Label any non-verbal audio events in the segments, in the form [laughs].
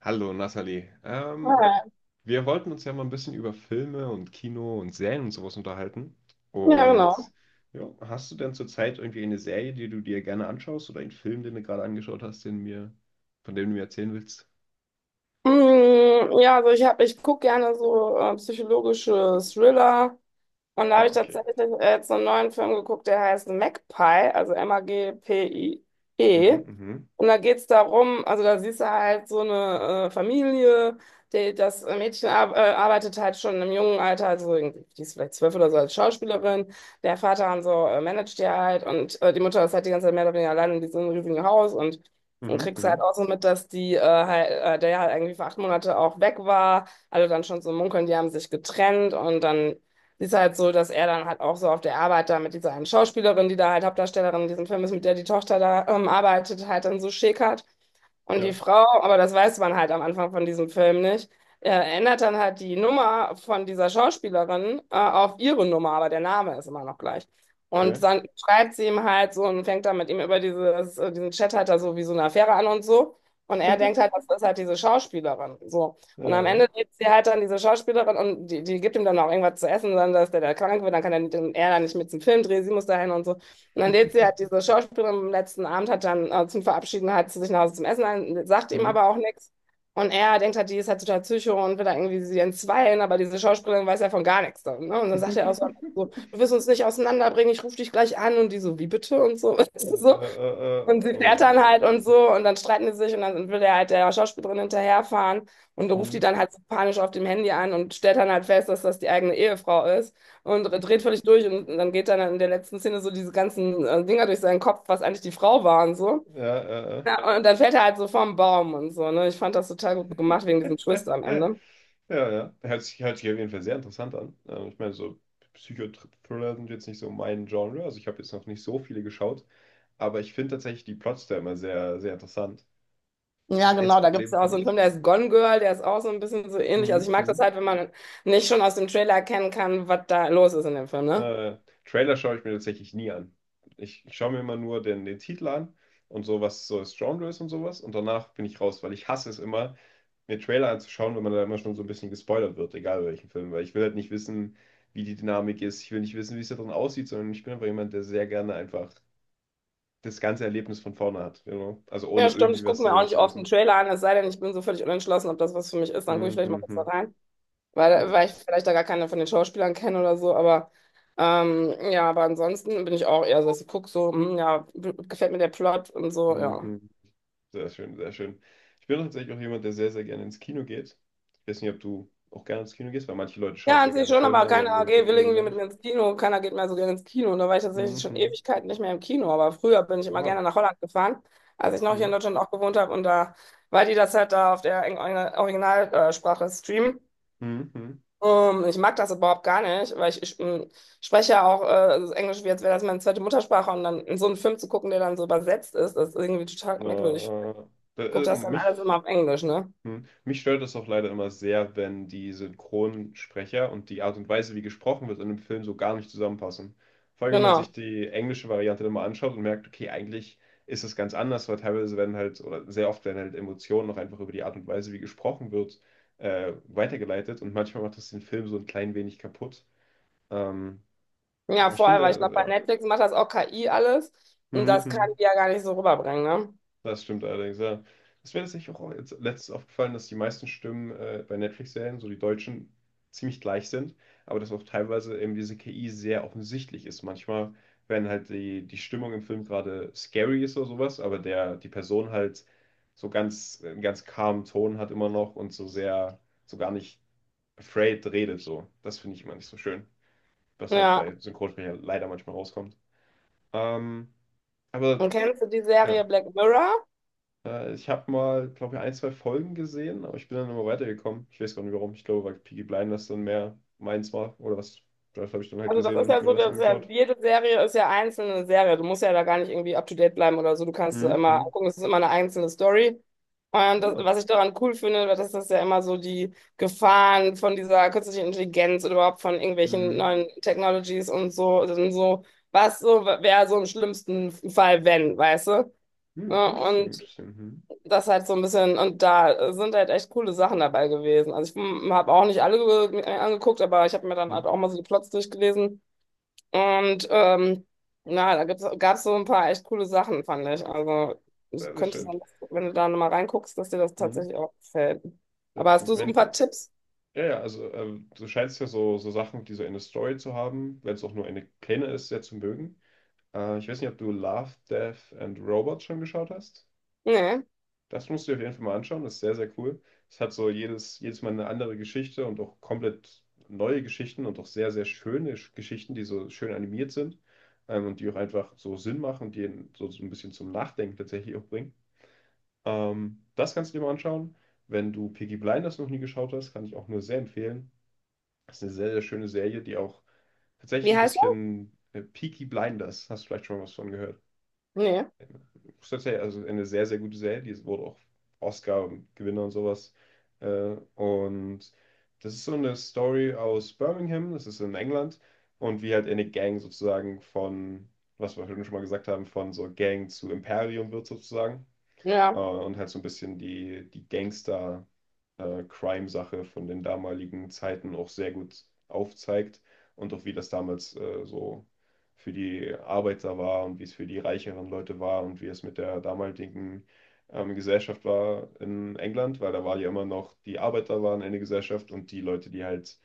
Hallo Nathalie. Ja, Wir wollten uns ja mal ein bisschen über Filme und Kino und Serien und sowas unterhalten. ja, Und genau. ja, hast du denn zurzeit irgendwie eine Serie, die du dir gerne anschaust oder einen Film, den du gerade angeschaut hast, von dem du mir erzählen willst? Mm, ja, also ich gucke gerne so psychologische Thriller. Und da Ah, habe ich okay. tatsächlich jetzt einen neuen Film geguckt, der heißt Magpie, also Magpie. Mhm, mhm, Und da geht's darum, also da siehst du halt so eine Familie, die, das Mädchen ar arbeitet halt schon im jungen Alter, also irgendwie, die ist vielleicht 12 oder so als Schauspielerin. Der Vater und so managt die halt und die Mutter ist halt die ganze Zeit mehr oder weniger allein in diesem riesigen Haus. Und mhm, kriegst halt mhm. auch so mit, dass die, halt, der ja halt irgendwie für 8 Monate auch weg war. Alle dann schon so munkeln, die haben sich getrennt, und dann ist halt so, dass er dann halt auch so auf der Arbeit da mit dieser einen Schauspielerin, die da halt Hauptdarstellerin in diesem Film ist, mit der die Tochter da arbeitet, halt dann so schäkert. Und die Ja, Frau, aber das weiß man halt am Anfang von diesem Film nicht, äh, ändert dann halt die Nummer von dieser Schauspielerin auf ihre Nummer, aber der Name ist immer noch gleich. Und okay. dann schreibt sie ihm halt so und fängt dann mit ihm über dieses, diesen Chat halt da so wie so eine Affäre an und so. Und er denkt halt, das ist halt diese Schauspielerin. So. Ja, Und am ja. Ende lebt sie halt dann diese Schauspielerin, und die, die gibt ihm dann auch irgendwas zu essen, dann dass der da krank wird, dann kann er dann nicht mit zum Film drehen, sie muss dahin und so. Und dann lädt sie halt [laughs] diese Schauspielerin am letzten Abend, hat dann zum Verabschieden halt zu sich nach Hause zum Essen ein, sagt ihm Mhm. aber auch nichts. Und er denkt halt, die ist halt total Psycho und will da irgendwie sie entzweien, aber diese Schauspielerin weiß ja von gar nichts dann, ne? Und dann sagt er auch so, am Ende so: [laughs] „Du wirst uns nicht auseinanderbringen, ich rufe dich gleich an", und die so: „Wie bitte?" und so. [laughs] So. Und sie Oh fährt je, dann halt je, und je. so, und dann streiten die sich, und dann will der halt der Schauspielerin hinterherfahren und ruft die Mhm. dann halt so panisch auf dem Handy an und stellt dann halt fest, dass das die eigene Ehefrau ist, und dreht völlig durch, [laughs] und dann geht dann in der letzten Szene so diese ganzen Dinger durch seinen Kopf, was eigentlich die Frau war und so. Ja, äh, Ja, und dann fällt er halt so vom Baum und so, ne? Ich fand das total gut gemacht wegen diesem Twist am äh. [laughs] Ende. Ja, ja. Hört sich auf jeden Fall sehr interessant an. Ich meine, so Psychothriller sind jetzt nicht so mein Genre. Also ich habe jetzt noch nicht so viele geschaut. Aber ich finde tatsächlich die Plots da immer sehr, sehr interessant. Ja, Das genau, einzige da gibt es Problem ja für auch so mich einen Film, ist. der ist Gone Girl, der ist auch so ein bisschen so ähnlich. Also ich Mhm, mag das mhm. halt, wenn man nicht schon aus dem Trailer erkennen kann, was da los ist in dem Film, ne? Äh, Trailer schaue ich mir tatsächlich nie an. Ich schaue mir immer nur den Titel an und so, was so das Genre ist und sowas. Und danach bin ich raus, weil ich hasse es immer, mir Trailer anzuschauen, wenn man da immer schon so ein bisschen gespoilert wird, egal welchen Film, weil ich will halt nicht wissen, wie die Dynamik ist. Ich will nicht wissen, wie es da drin aussieht, sondern ich bin einfach jemand, der sehr gerne einfach das ganze Erlebnis von vorne hat. You Also ohne Ja, stimmt. irgendwie Ich gucke was mir auch darüber nicht zu oft einen wissen. Trailer an, es sei denn, ich bin so völlig unentschlossen, ob das was für mich ist. Dann gucke ich Hm, vielleicht mal hm, kurz da hm. rein, weil, Oh, weil ich vielleicht da gar keine von den Schauspielern kenne oder so. Aber ja, aber ansonsten bin ich auch eher so, dass ich gucke so, hm, ja, gefällt mir der Plot und so, hm, ja. hm. Sehr schön, sehr schön. Ich bin tatsächlich auch jemand, der sehr, sehr gerne ins Kino geht. Ich weiß nicht, ob du auch gerne ins Kino gehst, weil manche Leute schauen Ja, an zwar sich gerne schon, Filme, aber aber keiner mögen geht, Kino will ja so irgendwie gar mit mir nicht. ins Kino, keiner geht mehr so gerne ins Kino. Und da war ich tatsächlich Hm, schon hm. Ewigkeiten nicht mehr im Kino, aber früher bin ich immer Wow. gerne nach Holland gefahren, als ich noch hier in Hm, Deutschland auch gewohnt habe. Und da, weil die das halt da auf der Originalsprache streamen. hm, hm. Ich mag das überhaupt gar nicht, weil ich spreche ja auch so Englisch, wie als wäre das meine zweite Muttersprache. Und dann in so einen Film zu gucken, der dann so übersetzt ist, das ist irgendwie total merkwürdig. Ich Äh, gucke das dann alles mich. immer auf Englisch, ne? Hm. Mich stört das auch leider immer sehr, wenn die Synchronsprecher und die Art und Weise, wie gesprochen wird in einem Film, so gar nicht zusammenpassen. Vor allem, wenn man sich Genau. die englische Variante dann mal anschaut und merkt, okay, eigentlich ist es ganz anders, weil teilweise werden halt, oder sehr oft werden halt Emotionen noch einfach über die Art und Weise, wie gesprochen wird, weitergeleitet und manchmal macht das den Film so ein klein wenig kaputt. Ähm, Ja, aber ich vorher, weil ich finde, glaube, bei ja. Netflix macht das auch KI alles. Und das kann Mhm. die ja gar nicht so rüberbringen, ne? Das stimmt allerdings, ja. Ist mir tatsächlich auch jetzt letztens aufgefallen, dass die meisten Stimmen bei Netflix-Serien, so die deutschen, ziemlich gleich sind, aber dass auch teilweise eben diese KI sehr offensichtlich ist. Manchmal, wenn halt die Stimmung im Film gerade scary ist oder sowas, aber die Person halt so ganz, einen ganz calmen Ton hat immer noch und so sehr, so gar nicht afraid redet, so. Das finde ich immer nicht so schön, was halt Ja. bei Synchronsprecher leider manchmal rauskommt. Ähm, aber Und kennst du die ja. Serie Black Mirror? Ich habe mal, glaube ich, ein, zwei Folgen gesehen, aber ich bin dann immer weitergekommen. Ich weiß gar nicht warum. Ich glaube, weil Peaky Blinders dann mehr meins war oder was. Das habe ich dann halt Also das gesehen ist und ja habe mir so, das dass ja angeschaut. jede Serie ist ja einzelne Serie. Du musst ja da gar nicht irgendwie up to date bleiben oder so. Du kannst es Mhm. immer Mhm. angucken, es ist immer eine einzelne Story. Und das, Ah. was ich daran cool finde, weil das ist ja immer so die Gefahren von dieser künstlichen Intelligenz oder überhaupt von irgendwelchen Mhm. neuen Technologies und so, was so wäre so im schlimmsten Fall, wenn, weißt du? Mhm. Ja. Interesting, Und interesting. Mhm. das halt so ein bisschen, und da sind halt echt coole Sachen dabei gewesen. Also ich habe auch nicht alle mir angeguckt, aber ich habe mir dann halt Mhm. auch mal so die Plots durchgelesen. Und na, da gibt's, gab's so ein paar echt coole Sachen, fand ich. Also es Sehr, sehr könnte schön. sein, dass, wenn du da nochmal reinguckst, dass dir das Mhm. tatsächlich auch gefällt. Ja, Aber hast du so ein wenn, die- paar Tipps? ja, ja, also du scheinst ja so, so Sachen, die so eine Story zu haben, wenn es auch nur eine kleine ist, sehr zu mögen. Ich weiß nicht, ob du Love, Death and Robots schon geschaut hast. Nee. Das musst du dir auf jeden Fall mal anschauen, das ist sehr, sehr cool. Es hat so jedes Mal eine andere Geschichte und auch komplett neue Geschichten und auch sehr, sehr schöne Geschichten, die so schön animiert sind und die auch einfach so Sinn machen und die einen so, so ein bisschen zum Nachdenken tatsächlich auch bringen. Das kannst du dir mal anschauen. Wenn du Peaky Blinders noch nie geschaut hast, kann ich auch nur sehr empfehlen. Das ist eine sehr, sehr schöne Serie, die auch tatsächlich Wie ein heißt er? bisschen Peaky Blinders, hast du vielleicht schon mal was von gehört, Nee. tatsächlich also eine sehr, sehr gute Serie. Die wurde auch Oscar-Gewinner und sowas. Und das ist so eine Story aus Birmingham, das ist in England. Und wie halt eine Gang sozusagen von, was wir schon mal gesagt haben, von so Gang zu Imperium wird sozusagen. Ja. Und halt so ein bisschen die Crime-Sache von den damaligen Zeiten auch sehr gut aufzeigt und auch wie das damals so für die Arbeiter war und wie es für die reicheren Leute war und wie es mit der damaligen Gesellschaft war in England, weil da war ja immer noch, die Arbeiter waren eine Gesellschaft und die Leute, die halt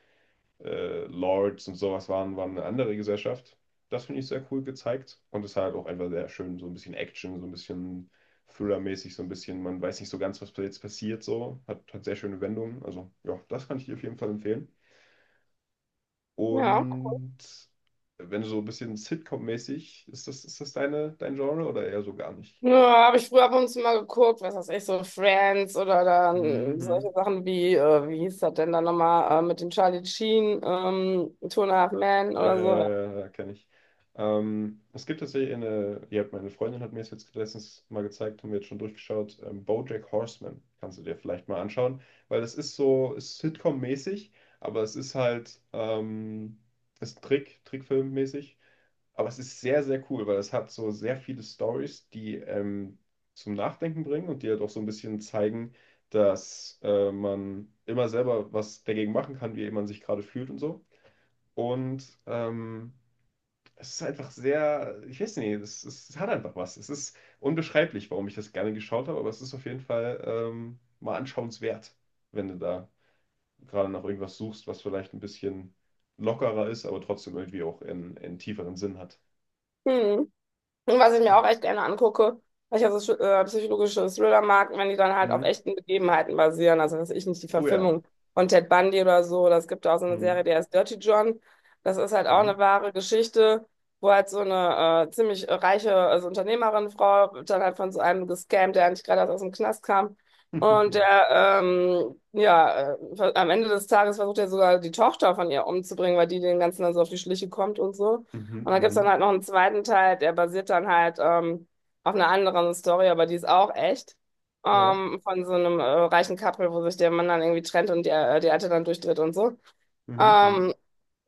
Lords und sowas waren, waren eine andere Gesellschaft. Das finde ich sehr cool gezeigt. Und es hat auch einfach sehr schön, so ein bisschen Action, so ein bisschen Thriller-mäßig, so ein bisschen, man weiß nicht so ganz, was jetzt passiert, so. Hat sehr schöne Wendungen. Also, ja, das kann ich dir auf jeden Fall empfehlen. Ja. Und wenn du so ein bisschen Sitcom-mäßig, ist das dein Genre oder eher so gar nicht? Ja, habe ich früher ab und zu mal geguckt, was weiß ich, so Friends oder dann Mhm. solche Sachen wie, wie hieß das denn dann nochmal, mit dem Charlie Sheen, Two and a Half Men Ja, oder so. ja, ja, kenne ich. Es gibt tatsächlich eine, ja, meine Freundin hat mir das jetzt letztens mal gezeigt, haben wir jetzt schon durchgeschaut, BoJack Horseman kannst du dir vielleicht mal anschauen, weil es ist so, ist Sitcom-mäßig, aber es ist halt, Trickfilm-mäßig, aber es ist sehr, sehr cool, weil es hat so sehr viele Stories, die zum Nachdenken bringen und die halt auch so ein bisschen zeigen, dass man immer selber was dagegen machen kann, wie man sich gerade fühlt und so. Und es ist einfach sehr, ich weiß nicht, es hat einfach was. Es ist unbeschreiblich, warum ich das gerne geschaut habe, aber es ist auf jeden Fall mal anschauenswert, wenn du da gerade nach irgendwas suchst, was vielleicht ein bisschen lockerer ist, aber trotzdem irgendwie auch einen tieferen Sinn hat. Hm. Und was ich mir auch echt gerne angucke, weil ich ja so psychologische Thriller mag, wenn die dann halt auf Mhm. echten Begebenheiten basieren. Also, weiß ich nicht, die Oh ja. Verfilmung von Ted Bundy oder so. Das gibt auch so eine Serie, Mhm. die heißt Dirty John. Das ist halt auch eine Mhm. wahre Geschichte, wo halt so eine ziemlich reiche, also Unternehmerin, Frau, wird dann halt von so einem gescammt, der eigentlich gerade erst aus dem Knast kam. Und [laughs] der, ja, am Ende des Tages versucht er sogar die Tochter von ihr umzubringen, weil die den ganzen dann so auf die Schliche kommt und so. Mhm. Und da gibt's dann Mhm. halt noch einen zweiten Teil, der basiert dann halt auf einer anderen Story, aber die ist auch echt. Ja. Von so einem reichen Couple, wo sich der Mann dann irgendwie trennt und die Alte dann durchdreht und so. Mhm. Mhm. Ähm,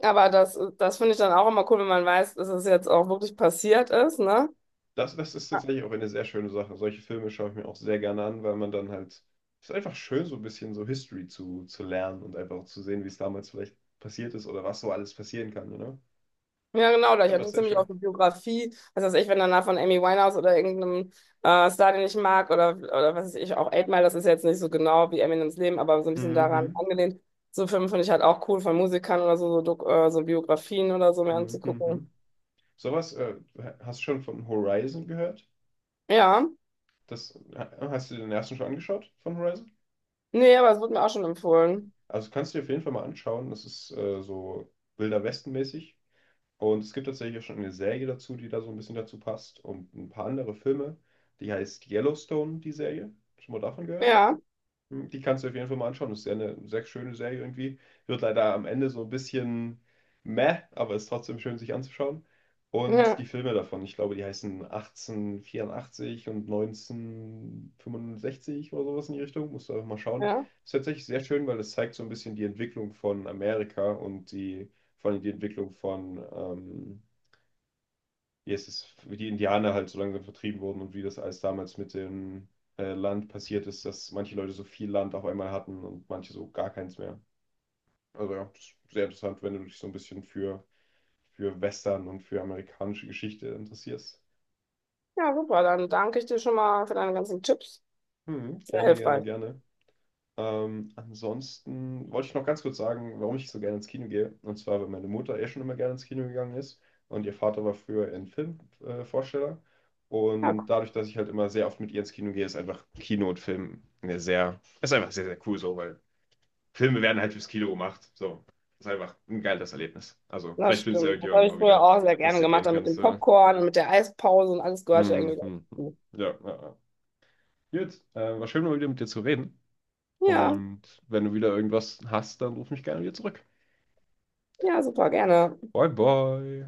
aber das, das finde ich dann auch immer cool, wenn man weiß, dass es jetzt auch wirklich passiert ist, ne? Das ist tatsächlich auch eine sehr schöne Sache. Solche Filme schaue ich mir auch sehr gerne an, weil man dann halt, es ist einfach schön, so ein bisschen so History zu lernen und einfach auch zu sehen, wie es damals vielleicht passiert ist oder was so alles passieren kann, you know? Ja, genau, da ich Dann war es sehr interessiere mich auch schön. für Biografie. Was weiß ich, wenn danach von Amy Winehouse oder irgendeinem Star, den ich mag, oder was weiß ich, auch Eight Mile, das ist ja jetzt nicht so genau wie Eminems Leben, aber so ein bisschen daran Mhm, angelehnt. So Filme finde ich halt auch cool von Musikern oder so, so, so Biografien oder so mir mhm, anzugucken. mhm. Sowas, hast du schon von Horizon gehört? Ja, Das, hast du den ersten schon angeschaut von Horizon? nee, aber es wurde mir auch schon empfohlen. Also kannst du dir auf jeden Fall mal anschauen. Das ist so Wilder Westen-mäßig. Und es gibt tatsächlich auch schon eine Serie dazu, die da so ein bisschen dazu passt und ein paar andere Filme. Die heißt Yellowstone, die Serie. Schon mal davon gehört? Ja, Die kannst du auf jeden Fall mal anschauen. Das ist ja eine sehr schöne Serie irgendwie. Wird leider am Ende so ein bisschen meh, aber ist trotzdem schön, sich anzuschauen. [laughs] Und ja, die Filme davon, ich glaube, die heißen 1884 und 1965 oder sowas in die Richtung. Musst du einfach mal schauen. ja. Ist tatsächlich sehr schön, weil das zeigt so ein bisschen die Entwicklung von Amerika und die, vor allem die Entwicklung von, wie es ist, wie die Indianer halt so langsam vertrieben wurden und wie das alles damals mit dem Land passiert ist, dass manche Leute so viel Land auf einmal hatten und manche so gar keins mehr. Also ja, das ist sehr interessant, wenn du dich so ein bisschen für Western und für amerikanische Geschichte interessierst. Ja, super, dann danke ich dir schon mal für deine ganzen Tipps. Hm, Sehr gerne, gerne, hilfreich. gerne. Ansonsten wollte ich noch ganz kurz sagen, warum ich so gerne ins Kino gehe. Und zwar, weil meine Mutter eh schon immer gerne ins Kino gegangen ist und ihr Vater war früher ein Filmvorsteller. Ja, Und dadurch, dass ich halt immer sehr oft mit ihr ins Kino gehe, ist einfach Kino und Film eine sehr, ist einfach sehr, sehr cool so, weil Filme werden halt fürs Kino gemacht. So, ist einfach ein geiles Erlebnis. Also, das vielleicht findest du ja stimmt. Das irgendjemand habe ich mal früher wieder, auch sehr dass gerne du gemacht, gehen dann mit kannst. dem Popcorn und mit der Eispause, und alles gehörte irgendwie Hm, hm, hm. dazu. Ja, ja, ja. Gut, war schön mal wieder mit dir zu reden. Ja. Und wenn du wieder irgendwas hast, dann ruf mich gerne wieder zurück. Ja, super, gerne. Bye, bye.